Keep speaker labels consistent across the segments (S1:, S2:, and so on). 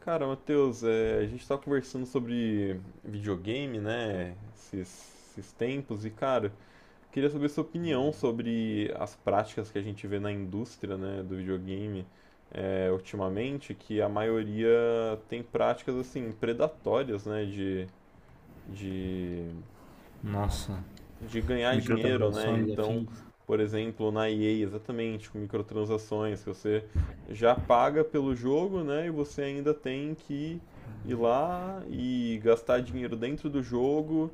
S1: Cara, Matheus, a gente tá conversando sobre videogame, né? Esses tempos, e cara, queria saber sua opinião sobre as práticas que a gente vê na indústria, né, do videogame, ultimamente, que a maioria tem práticas assim, predatórias, né? De
S2: Nossa,
S1: de ganhar dinheiro, né?
S2: microtransações e
S1: Então,
S2: afins?
S1: por exemplo, na EA, exatamente, com microtransações, que você já paga pelo jogo, né? E você ainda tem que ir lá e gastar dinheiro dentro do jogo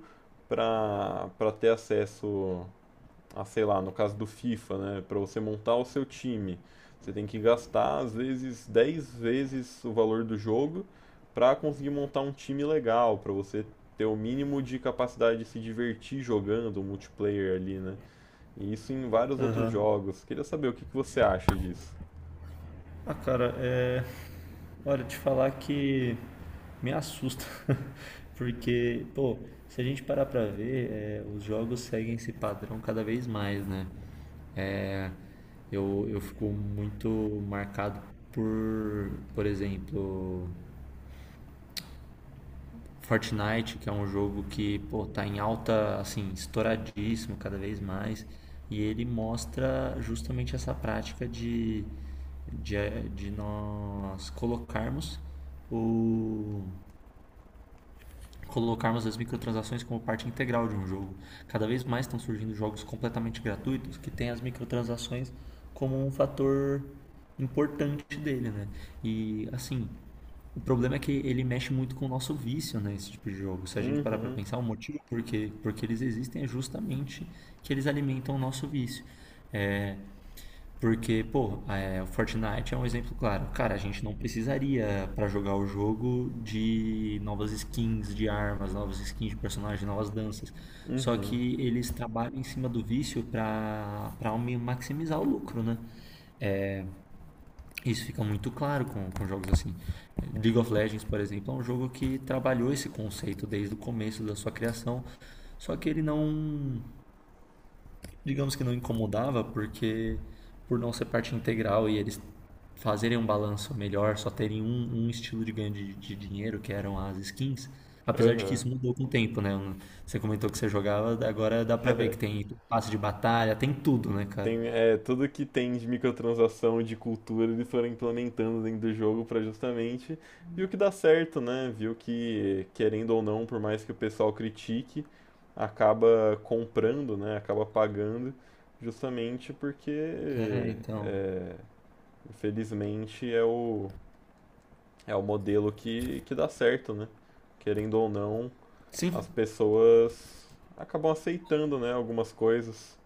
S1: para ter acesso a sei lá, no caso do FIFA, né? Para você montar o seu time, você tem que gastar às vezes 10 vezes o valor do jogo para conseguir montar um time legal, para você ter o mínimo de capacidade de se divertir jogando o multiplayer ali, né? E isso em vários outros
S2: Aham.
S1: jogos. Queria saber o que que você acha disso.
S2: Ah, cara, é. Olha, te falar que me assusta, porque, pô, se a gente parar pra ver, os jogos seguem esse padrão cada vez mais, né? É, eu fico muito marcado por exemplo, Fortnite, que é um jogo que, pô, tá em alta, assim, estouradíssimo cada vez mais, e ele mostra justamente essa prática de, de nós o, colocarmos as microtransações como parte integral de um jogo. Cada vez mais estão surgindo jogos completamente gratuitos que têm as microtransações como um fator importante dele, né? E assim, o problema é que ele mexe muito com o nosso vício, né, esse tipo de jogo. Se a gente parar para
S1: Uhum,
S2: pensar, o motivo porque eles existem é justamente que eles alimentam o nosso vício. É, Porque, pô, é, o Fortnite é um exemplo claro. Cara, a gente não precisaria pra jogar o jogo de novas skins de armas, novas skins de personagem, novas danças. Só
S1: uhum,
S2: que eles trabalham em cima do vício pra para maximizar o lucro, né? Isso fica muito claro com jogos assim. League of Legends, por exemplo, é um jogo que trabalhou esse conceito desde o começo da sua criação, só que ele não, digamos que não incomodava, porque por não ser parte integral e eles fazerem um balanço melhor, só terem um estilo de ganho de dinheiro, que eram as skins, apesar de que
S1: aham.
S2: isso mudou com o tempo, né? Você comentou que você jogava, agora dá pra ver que tem passe de batalha, tem tudo, né, cara?
S1: Tem, tudo que tem de microtransação, de cultura, eles foram implementando dentro do jogo pra justamente viu que dá certo, né? Viu que, querendo ou não, por mais que o pessoal critique, acaba comprando, né? Acaba pagando, justamente
S2: É,
S1: porque,
S2: então.
S1: é, infelizmente, é o modelo que dá certo, né? Querendo ou não,
S2: Sim.
S1: as pessoas acabam aceitando, né? Algumas coisas.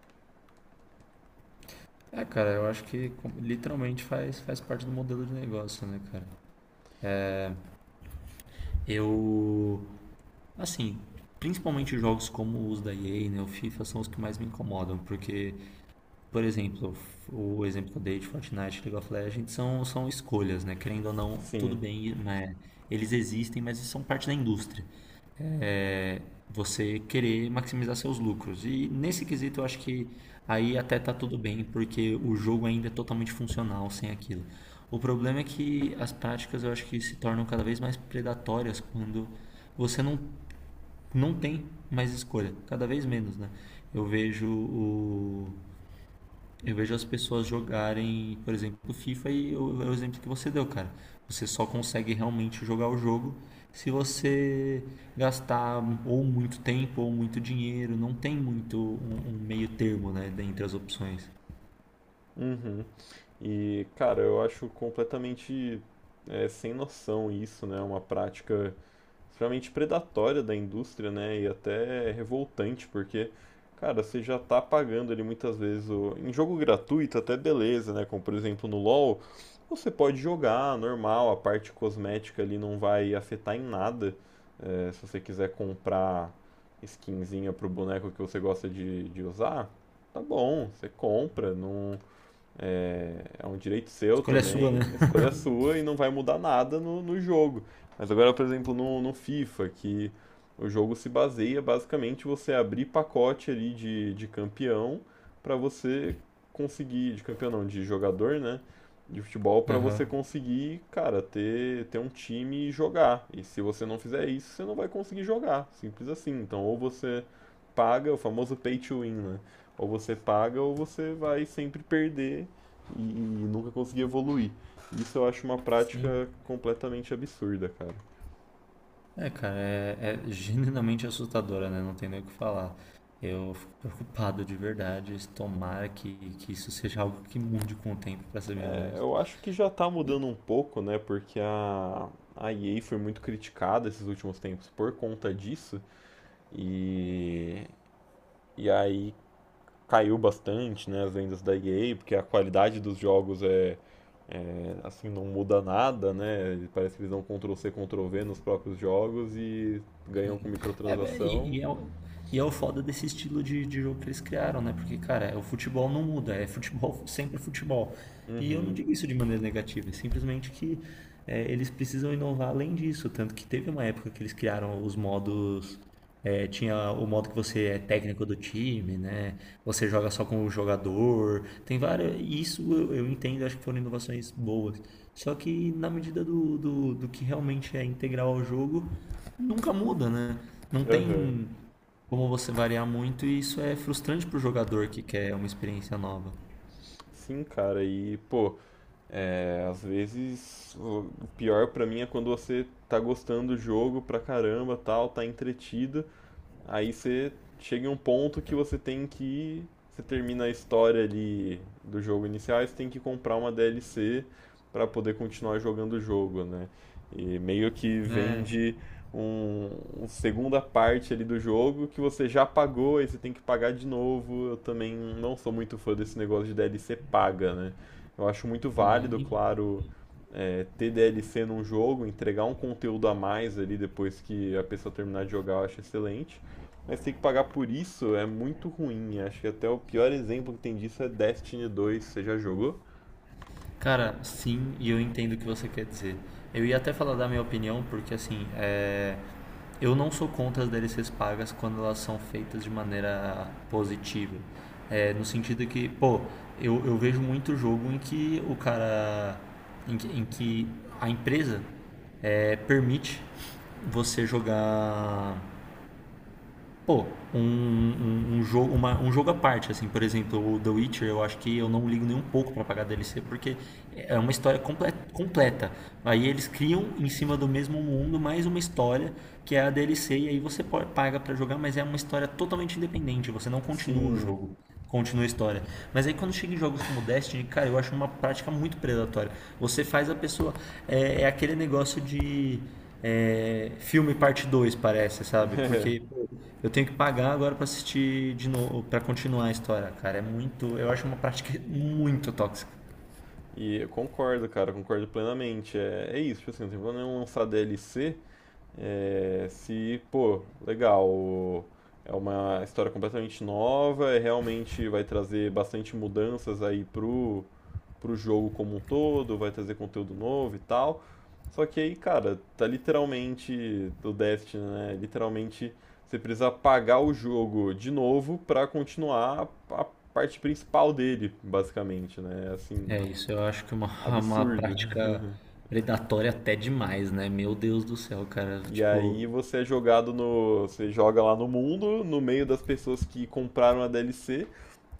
S2: É, cara, eu acho que literalmente faz parte do modelo de negócio, né, cara? Eu, assim, principalmente jogos como os da EA, né, o FIFA são os que mais me incomodam, porque. Por exemplo, o exemplo que eu dei de Fortnite, League of Legends são escolhas, né? Querendo ou não, tudo
S1: Sim.
S2: bem, mas eles existem, mas são parte da indústria. É você querer maximizar seus lucros. E nesse quesito eu acho que aí até tá tudo bem, porque o jogo ainda é totalmente funcional sem aquilo. O problema é que as práticas eu acho que se tornam cada vez mais predatórias quando você não, não tem mais escolha, cada vez menos, né? Eu vejo o eu vejo as pessoas jogarem, por exemplo, FIFA é o exemplo que você deu, cara. Você só consegue realmente jogar o jogo se você gastar ou muito tempo ou muito dinheiro. Não tem muito um meio termo, né, dentre as opções.
S1: Uhum. E, cara, eu acho completamente sem noção isso, né? É uma prática extremamente predatória da indústria, né? E até revoltante, porque, cara, você já tá pagando ali muitas vezes em jogo gratuito, até beleza, né? Como por exemplo no LoL, você pode jogar normal, a parte cosmética ali não vai afetar em nada. É, se você quiser comprar skinzinha pro boneco que você gosta de usar, tá bom, você compra, não é um direito seu
S2: Escolha a sua, né?
S1: também, escolha sua e não vai mudar nada no jogo. Mas agora, por exemplo, no FIFA, que o jogo se baseia basicamente você abrir pacote ali de campeão para você conseguir, de campeão não, de jogador, né? De futebol para
S2: Aham.
S1: você conseguir, cara, ter um time e jogar. E se você não fizer isso, você não vai conseguir jogar. Simples assim. Então, ou você paga, o famoso pay to win, né? Ou você paga ou você vai sempre perder e nunca consegui evoluir. Isso eu acho uma
S2: Sim.
S1: prática completamente absurda, cara.
S2: É genuinamente assustadora, né? Não tem nem o que falar. Eu fico preocupado de verdade. Tomara que isso seja algo que mude com o tempo, pra ser bem
S1: É,
S2: honesto.
S1: eu acho que já tá mudando um pouco, né? Porque a EA foi muito criticada esses últimos tempos por conta disso. E, e aí caiu bastante, né? As vendas da EA, porque a qualidade dos jogos é, assim, não muda nada, né? Parece que eles dão Ctrl-C, Ctrl-V nos próprios jogos e ganham com
S2: É, é, e,
S1: microtransação.
S2: e é, o- é o foda desse estilo de jogo que eles criaram, né? Porque, cara, é, o futebol não muda, é futebol, sempre futebol. E eu não
S1: Uhum,
S2: digo isso de maneira negativa, é simplesmente que é, eles precisam inovar além disso. Tanto que teve uma época que eles criaram os modos. É, tinha o modo que você é técnico do time, né? Você joga só com o jogador. Tem várias. Isso eu entendo, acho que foram inovações boas. Só que na medida do que realmente é integral ao jogo, nunca muda, né? Não
S1: aham.
S2: tem como você variar muito e isso é frustrante pro jogador que quer uma experiência nova.
S1: Sim, cara, e pô. Às vezes, o pior pra mim é quando você tá gostando do jogo pra caramba, tal, tá entretido. Aí você chega em um ponto que você tem que. Você termina a história ali do jogo inicial, e você tem que comprar uma DLC para poder continuar jogando o jogo, né? E meio que
S2: É.
S1: vende um, uma segunda parte ali do jogo que você já pagou e você tem que pagar de novo. Eu também não sou muito fã desse negócio de DLC paga, né? Eu acho muito
S2: É,
S1: válido, claro, ter DLC num jogo, entregar um conteúdo a mais ali depois que a pessoa terminar de jogar, eu acho excelente. Mas ter que pagar por isso é muito ruim. Acho que até o pior exemplo que tem disso é Destiny 2. Você já jogou?
S2: cara, sim, e eu entendo o que você quer dizer. Eu ia até falar da minha opinião, porque assim, é, eu não sou contra as DLCs pagas quando elas são feitas de maneira positiva. É, no sentido que, pô, eu vejo muito jogo em que o cara. Em que a empresa é, permite você jogar pô, um jogo, um jogo à parte, assim, por exemplo, o The Witcher, eu acho que eu não ligo nem um pouco pra pagar DLC, porque é uma história completa. Aí eles criam em cima do mesmo mundo mais uma história que é a DLC, e aí você paga pra jogar, mas é uma história totalmente independente, você não continua o
S1: Sim.
S2: jogo continua a história. Mas aí quando chega em jogos como Destiny, cara, eu acho uma prática muito predatória. Você faz a pessoa. É, é aquele negócio de. É, filme parte 2 parece, sabe? Porque pô, eu tenho que pagar agora pra assistir de novo, pra continuar a história, cara. É muito. Eu acho uma prática muito tóxica.
S1: E eu concordo, cara, concordo plenamente. É isso, tipo assim, não tem problema nenhum lançar DLC. É, se, pô, legal, é uma história completamente nova, realmente vai trazer bastante mudanças aí para o jogo como um todo, vai trazer conteúdo novo e tal. Só que aí, cara, tá literalmente do Destiny, né? Literalmente você precisa pagar o jogo de novo para continuar a parte principal dele, basicamente, né? Assim,
S2: É isso, eu acho que é uma, uma
S1: absurdo.
S2: prática predatória até demais, né? Meu Deus do céu, cara.
S1: E aí
S2: Tipo,
S1: você é jogado você joga lá no mundo, no meio das pessoas que compraram a DLC,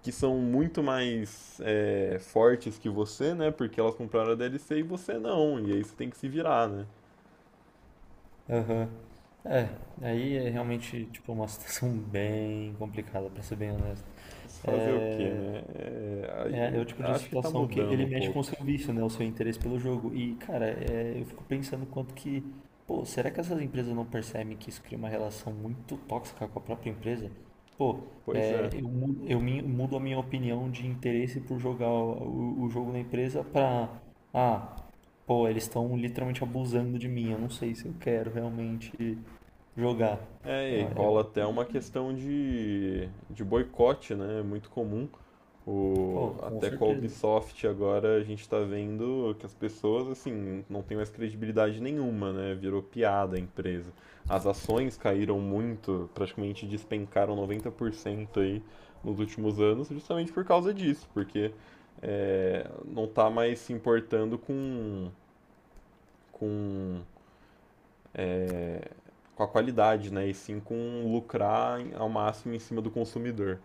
S1: que são muito mais fortes que você, né? Porque elas compraram a DLC e você não. E aí você tem que se virar, né?
S2: aham. É, aí é realmente, tipo, uma situação bem complicada, pra ser bem honesto.
S1: Mas fazer o quê,
S2: É,
S1: né?
S2: é o
S1: É,
S2: tipo de
S1: acho que tá
S2: situação que
S1: mudando
S2: ele
S1: um
S2: mexe com o
S1: pouco.
S2: seu vício, né? O seu interesse pelo jogo. E, cara, é, eu fico pensando quanto que. Pô, será que essas empresas não percebem que isso cria uma relação muito tóxica com a própria empresa? Pô,
S1: Pois
S2: é,
S1: é.
S2: eu, mudo a minha opinião de interesse por jogar o jogo na empresa pra. Ah, pô, eles estão literalmente abusando de mim. Eu não sei se eu quero realmente jogar. É,
S1: E rola
S2: é-
S1: até uma questão de boicote, né? É muito comum.
S2: pô, com
S1: Até com a
S2: certeza.
S1: Ubisoft agora a gente tá vendo que as pessoas, assim, não tem mais credibilidade nenhuma, né? Virou piada a empresa. As ações caíram muito, praticamente despencaram 90% aí nos últimos anos, justamente por causa disso, porque não tá mais se importando com com, com a qualidade, né? E sim com lucrar ao máximo em cima do consumidor.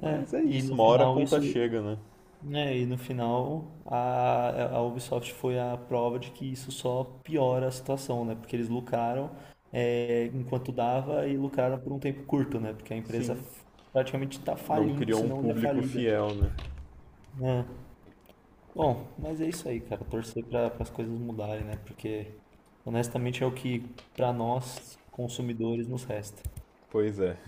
S2: É,
S1: Mas é
S2: e
S1: isso,
S2: no
S1: uma hora a
S2: final isso.
S1: conta chega, né?
S2: Né, e no final a Ubisoft foi a prova de que isso só piora a situação, né? Porque eles lucraram é, enquanto dava e lucraram por um tempo curto, né? Porque a empresa
S1: Sim,
S2: praticamente está
S1: não
S2: falindo,
S1: criou
S2: se
S1: um
S2: não já
S1: público
S2: falida.
S1: fiel, né?
S2: Né? Bom, mas é isso aí, cara. Torcer para as coisas mudarem, né? Porque honestamente é o que para nós consumidores nos resta.
S1: Pois é.